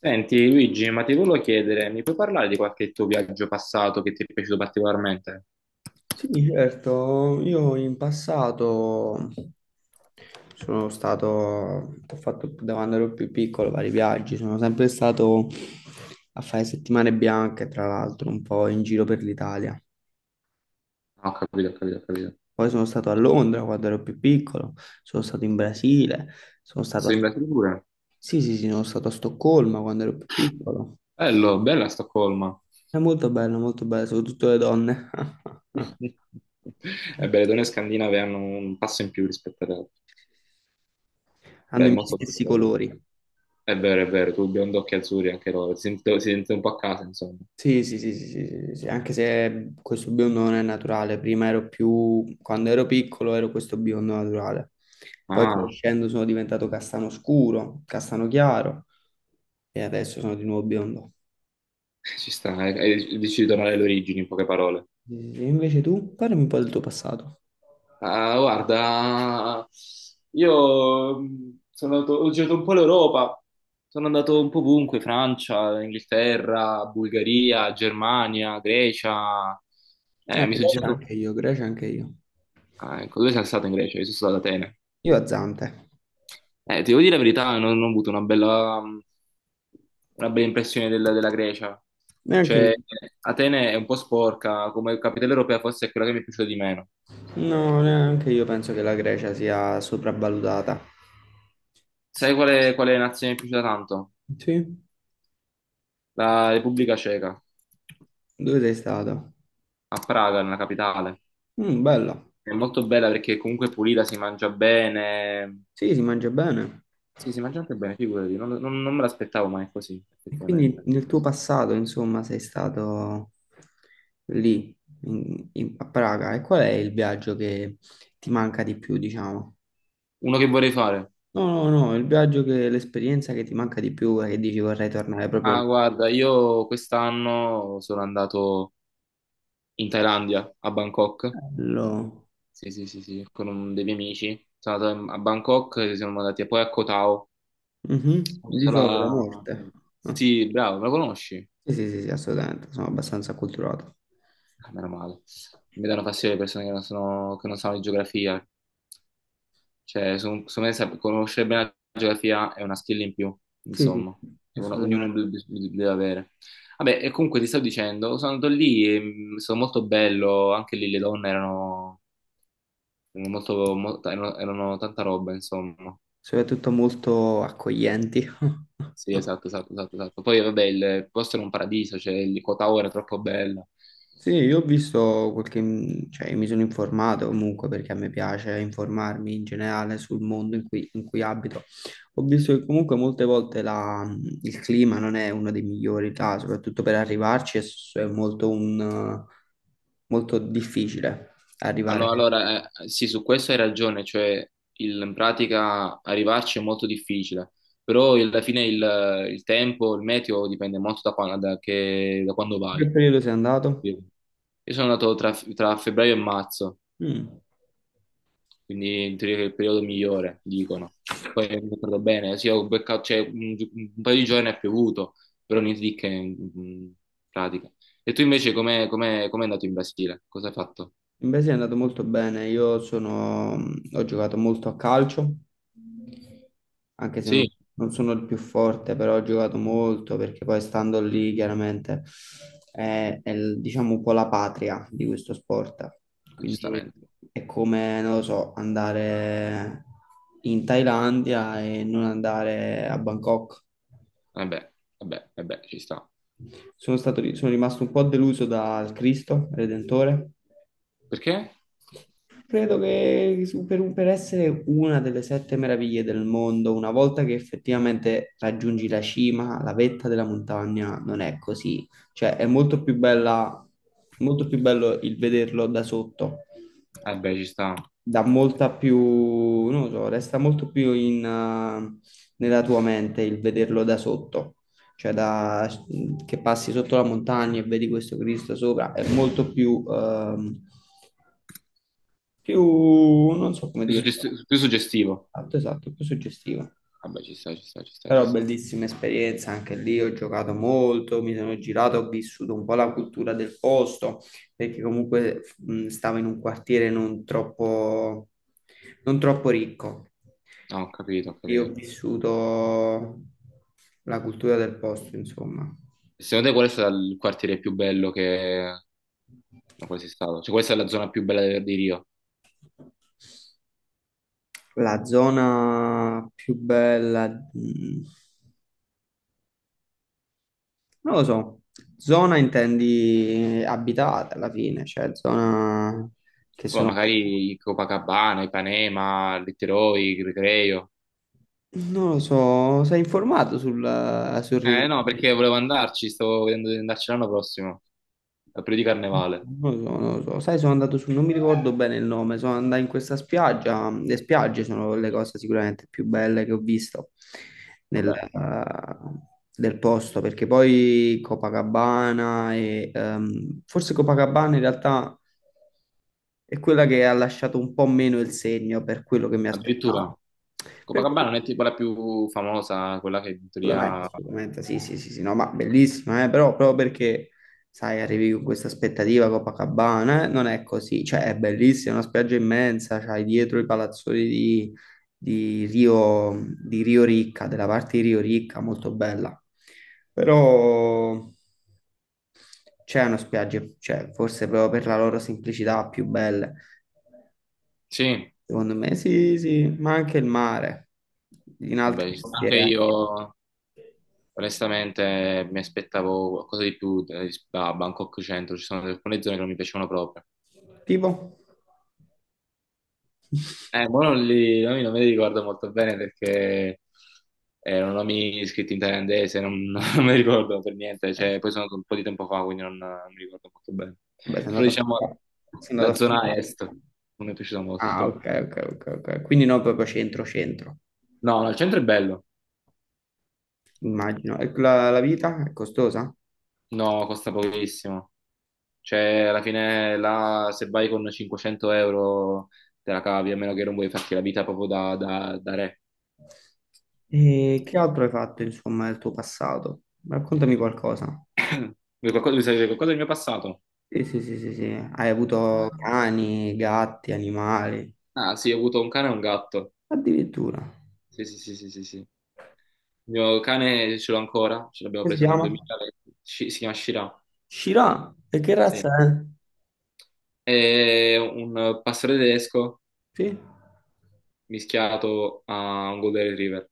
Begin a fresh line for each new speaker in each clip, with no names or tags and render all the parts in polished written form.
Senti Luigi, ma ti volevo chiedere, mi puoi parlare di qualche tuo viaggio passato che ti è piaciuto particolarmente?
Sì, certo, io in passato ho fatto da quando ero più piccolo vari viaggi, sono sempre stato a fare settimane bianche, tra l'altro, un po' in giro per l'Italia.
Ah, ho capito, ho capito, ho capito.
Poi sono stato a Londra quando ero più piccolo, sono stato in Brasile, sono stato
Sei in
a...
Brasile pure?
Sì, sì, sì, sono stato a Stoccolma quando ero più piccolo.
Bello, bella Stoccolma.
È molto bello, soprattutto le donne.
Ebbene, le donne scandinave hanno un passo in più rispetto alle altre. Beh,
Hanno
è
i miei
molto molto
stessi
bello.
colori.
È vero, tu biondo occhi azzurri anche loro, si sente un po' a casa, insomma.
Sì, sì, sì, sì, sì, sì, sì, sì, anche se questo biondo non è naturale, prima ero più, quando ero piccolo ero questo biondo naturale, poi
Ah,
crescendo sono diventato castano scuro, castano chiaro e adesso sono di nuovo biondo.
ci sta, eh, dici di tornare alle origini, in poche parole.
Sì, sì, sì. Invece tu, parlami un po' del tuo passato.
Ah, guarda, io sono andato, ho girato un po' l'Europa, sono andato un po' ovunque, Francia, Inghilterra, Bulgaria, Germania, Grecia, mi sono
Grecia
girato,
anche io, Grecia anche io.
ah, ecco, dove sei stato in Grecia? Io sono stato ad Atene.
Io a Zante,
Ti devo dire la verità, non ho avuto una bella impressione della Grecia,
neanche io.
cioè Atene è un po' sporca, come capitale europea forse è quella che mi è piaciuta di meno.
No, neanche io penso che la Grecia sia sopravvalutata. Sì.
Sai quale nazione mi è piaciuta tanto?
Sì?
La Repubblica Ceca.
Dove sei stato?
A Praga, nella capitale.
Bello.
È molto bella perché comunque è pulita, si mangia bene.
Sì, si mangia bene.
Sì, si mangia anche bene, figurati, non me l'aspettavo, ma è così,
E quindi
effettivamente.
nel tuo passato, insomma, sei stato lì, a Praga. E qual è il viaggio che ti manca di più, diciamo?
Uno che vorrei fare?
No, no, no, l'esperienza che ti manca di più e che dici vorrei tornare proprio
Ah,
lì.
guarda, io quest'anno sono andato in Thailandia, a Bangkok.
Bello.
Sì, sì, sì, sì, con dei miei amici. Sono andato a Bangkok, e siamo andati poi a Koh Tao.
Mhm. L'isola della
L'isola-
morte. Ah.
Sì, bravo, me lo conosci?
Sì, sì, sì, sì, assolutamente, sono abbastanza acculturato.
Ah, meno male. Mi danno fastidio le persone che non sono- che non sanno di geografia. Cioè, secondo me conoscere bene la geografia è una skill in più,
Sì,
insomma,
sì,
che ognuno
assolutamente.
deve avere. Vabbè, e comunque ti stavo dicendo, sono andato lì, e, è stato molto bello, anche lì le donne erano erano tanta roba, insomma.
Soprattutto molto accoglienti.
Sì, esatto, esatto, esatto, esatto. Poi vabbè, il posto era un paradiso, cioè il Kota Ora è troppo bello.
Sì, io ho visto cioè mi sono informato comunque perché a me piace informarmi in generale sul mondo in cui abito. Ho visto che comunque molte volte il clima non è uno dei migliori là, soprattutto per arrivarci è molto difficile
Ah,
arrivare.
no, allora, sì, su questo hai ragione, cioè in pratica arrivarci è molto difficile, però alla fine il tempo, il meteo dipende molto da quando, da quando
In
vai.
che periodo sei andato?
Sì. Io sono andato tra febbraio e marzo,
Mm.
quindi in teoria è il periodo migliore, dicono. Poi mi ricordo bene, sì, ho beccato, cioè, un paio di giorni è piovuto, però niente di che in pratica. E tu invece com'è andato in Brasile? Cosa hai fatto?
Invece è andato molto bene, ho giocato molto a calcio, anche se
Sì,
non sono il più forte, però ho giocato molto perché poi stando lì chiaramente diciamo un po' la patria di questo sport, quindi
giustamente.
è come, non lo so, andare in Thailandia e non andare a Bangkok.
Vabbè, vabbè, vabbè, ci sta.
Sono rimasto un po' deluso dal Cristo Redentore.
Perché?
Credo che per essere una delle sette meraviglie del mondo, una volta che effettivamente raggiungi la cima, la vetta della montagna, non è così. Cioè, è molto più bella, molto più bello il vederlo da sotto,
Vabbè, ci sta.
dà molta più, non lo so, resta molto più nella tua mente il vederlo da sotto. Cioè, che passi sotto la montagna e vedi questo Cristo sopra, è molto più, non so come
Più,
dire,
più suggestivo.
esatto, esatto, più suggestivo.
Vabbè, ci sta, ci sta, ci sta, ci
Però
sta.
bellissima esperienza, anche lì ho giocato molto, mi sono girato, ho vissuto un po' la cultura del posto, perché comunque stavo in un quartiere non troppo, non troppo ricco.
Ah, ho capito, ho
Io ho
capito.
vissuto la cultura del posto, insomma.
E secondo te qual è stato il quartiere più bello che... No, qual è stato? Cioè, questa è la zona più bella di Rio.
La zona più bella, mh, Non lo so, zona intendi abitata alla fine, cioè zona che
Poi
sono...
magari Copacabana, Ipanema, Letteroi, Recreio.
Non lo so, sei informato sul Rio
Eh
de
no,
Janeiro?
perché volevo andarci, stavo vedendo di andarci l'anno prossimo, al periodo di carnevale.
Non lo so, non lo so. Sai, sono andato su, non mi ricordo bene il nome, sono andato in questa spiaggia. Le spiagge sono le cose sicuramente più belle che ho visto nel,
Vabbè,
eh, del posto, perché poi Copacabana e forse Copacabana in realtà è quella che ha lasciato un po' meno il segno per quello che mi
addirittura
aspettavo. Per cui,
Copacabana non è tipo la più famosa, quella che in
assolutamente,
teoria...
assolutamente, sì, sì, sì, sì, no, ma bellissima, però proprio perché, sai, arrivi con questa aspettativa Copacabana, non è così, cioè è bellissima, è una spiaggia immensa, c'hai dietro i palazzoni di Rio, di Rio Ricca, della parte di Rio Ricca, molto bella, però c'è una spiaggia, cioè, forse proprio per la loro semplicità più belle,
Sì,
secondo me, sì, sì, ma anche il mare, in altri
vabbè, ci sta
posti,
anche
eh.
io onestamente mi aspettavo qualcosa di più da Bangkok Centro, ci sono alcune zone che non mi piacevano proprio.
Tipo...
Ma non, li, non me li ricordo molto bene perché erano nomi scritti in thailandese, non, non me li ricordo per niente, cioè, poi sono un po' di tempo fa, quindi non mi ricordo molto bene.
Vabbè, sei
Però
andato a
diciamo
fondare. Sei
la
andato a
zona
fondare.
est non mi è piaciuta
Ah,
molto.
ok, ok, ok, ok. Quindi no, proprio centro, centro,
No, no, il centro è bello,
immagino. E la vita è costosa?
no, costa pochissimo. Cioè, alla fine, là, se vai con 500 euro te la cavi, a meno che non vuoi farti la vita proprio da re.
E che altro hai fatto, insomma, nel tuo passato? Raccontami qualcosa.
Vuoi qualcosa, vuoi sapere qualcosa del mio passato?
Sì, sì, sì, sì, sì. Hai avuto cani, gatti, animali,
Ah, sì, ho avuto un cane e un gatto.
addirittura.
Sì, sì, sì, sì, sì, sì. Il mio cane ce l'ho ancora, ce l'abbiamo
Come si
preso nel
chiama?
2020, si chiama Shira,
Shira. E che razza
sì.
è?
È un pastore tedesco
Sì?
mischiato a un Golden Retriever.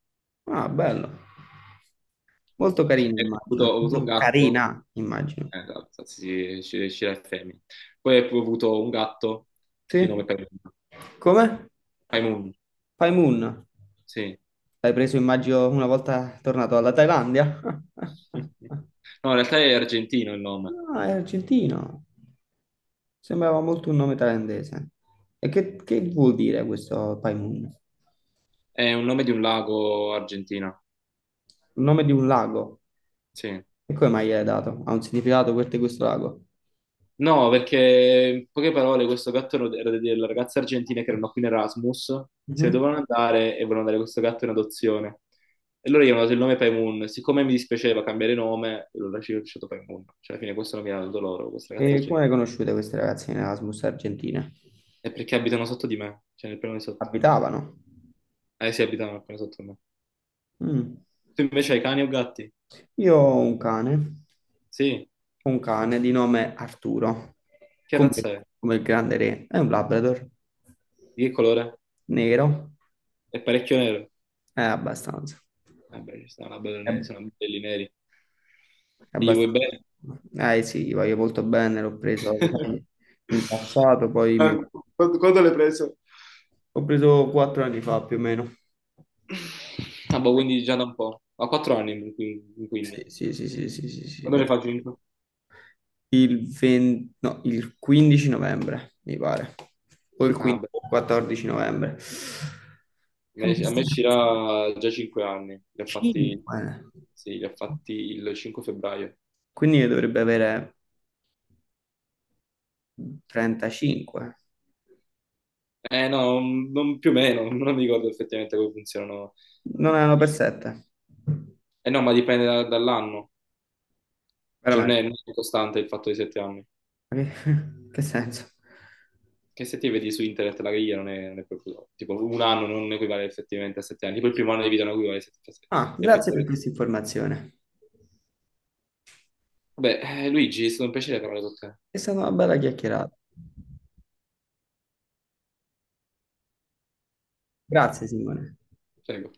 Ah, bello. Molto carina,
E ho avuto,
immagino.
ho avuto un
Molto
gatto.
carina, immagino.
Esatto, sì, sì, Scira e femmine. Poi ho pure avuto un gatto di
Sì?
nome Paimun.
Come?
Paimun,
Paimon.
sì.
L'hai preso, immagino, una volta tornato dalla Thailandia?
No, in realtà è argentino il nome.
Ah, è argentino. Sembrava molto un nome thailandese. E che vuol dire questo Pai Mun? Il
È un nome di un lago argentino,
nome di un lago.
sì.
E come mai gliel'hai dato? Ha un significato per te questo lago?
No, perché in poche parole questo gatto era delle ragazze argentine che erano qui in Erasmus, se ne
Mhm.
dovevano andare e volevano dare questo gatto in adozione. E loro gli hanno dato il nome Paimun. Siccome mi dispiaceva cambiare nome, allora ci ho lasciato Paimun. Cioè, alla fine questo nome l'hanno dato loro, queste ragazze
E come
argentine.
le conosciute queste ragazze in Erasmus Argentina?
È perché abitano sotto di me, cioè nel piano di sotto.
Abitavano?
Eh sì, abitano nel piano sotto di me.
Mm.
Tu invece hai cani o gatti?
Io ho
Sì.
un cane di nome Arturo,
Che
come,
razza è?
come il grande re, è un Labrador,
Di che colore?
nero.
È parecchio nero.
Abbastanza.
Eh beh, ci sono belli
Eh,
neri, sono belli neri. E gli vuoi
abbastanza.
bene?
Eh sì, gli voglio molto bene, l'ho preso in passato, poi mi
Ma
ho
quando l'hai preso?
ho preso 4 anni fa più o meno.
Ah, boh, quindi già da un po'. Ho 4 anni, quindi.
Sì,
quindi.
sì, sì, sì, sì, sì, sì.
Quando ne fa cinque?
Il 20 no, il 15 novembre, mi pare. O il
Ah,
15
beh.
o il 14 novembre.
A
È
me a me
abbastanza.
ci era già 5 anni. Li ho
5.
fatti, sì, li ho fatti il 5 febbraio.
Quindi ne dovrebbe avere 35.
Eh no, più o meno, non mi ricordo effettivamente come funzionano.
Non erano per 7.
Eh no, ma dipende dall'anno, cioè non
Veramente.
è, non è costante il fatto dei 7 anni.
Che che senso?
Che se ti vedi su internet la griglia non è proprio... Tipo un anno non equivale effettivamente a 7 anni, tipo il primo anno di vita non equivale a sette-
Ah, grazie per
effettivamente.
questa informazione.
Vabbè, Luigi, è stato un piacere parlare con te.
È stata una bella chiacchierata. Grazie, Simone.
Prego.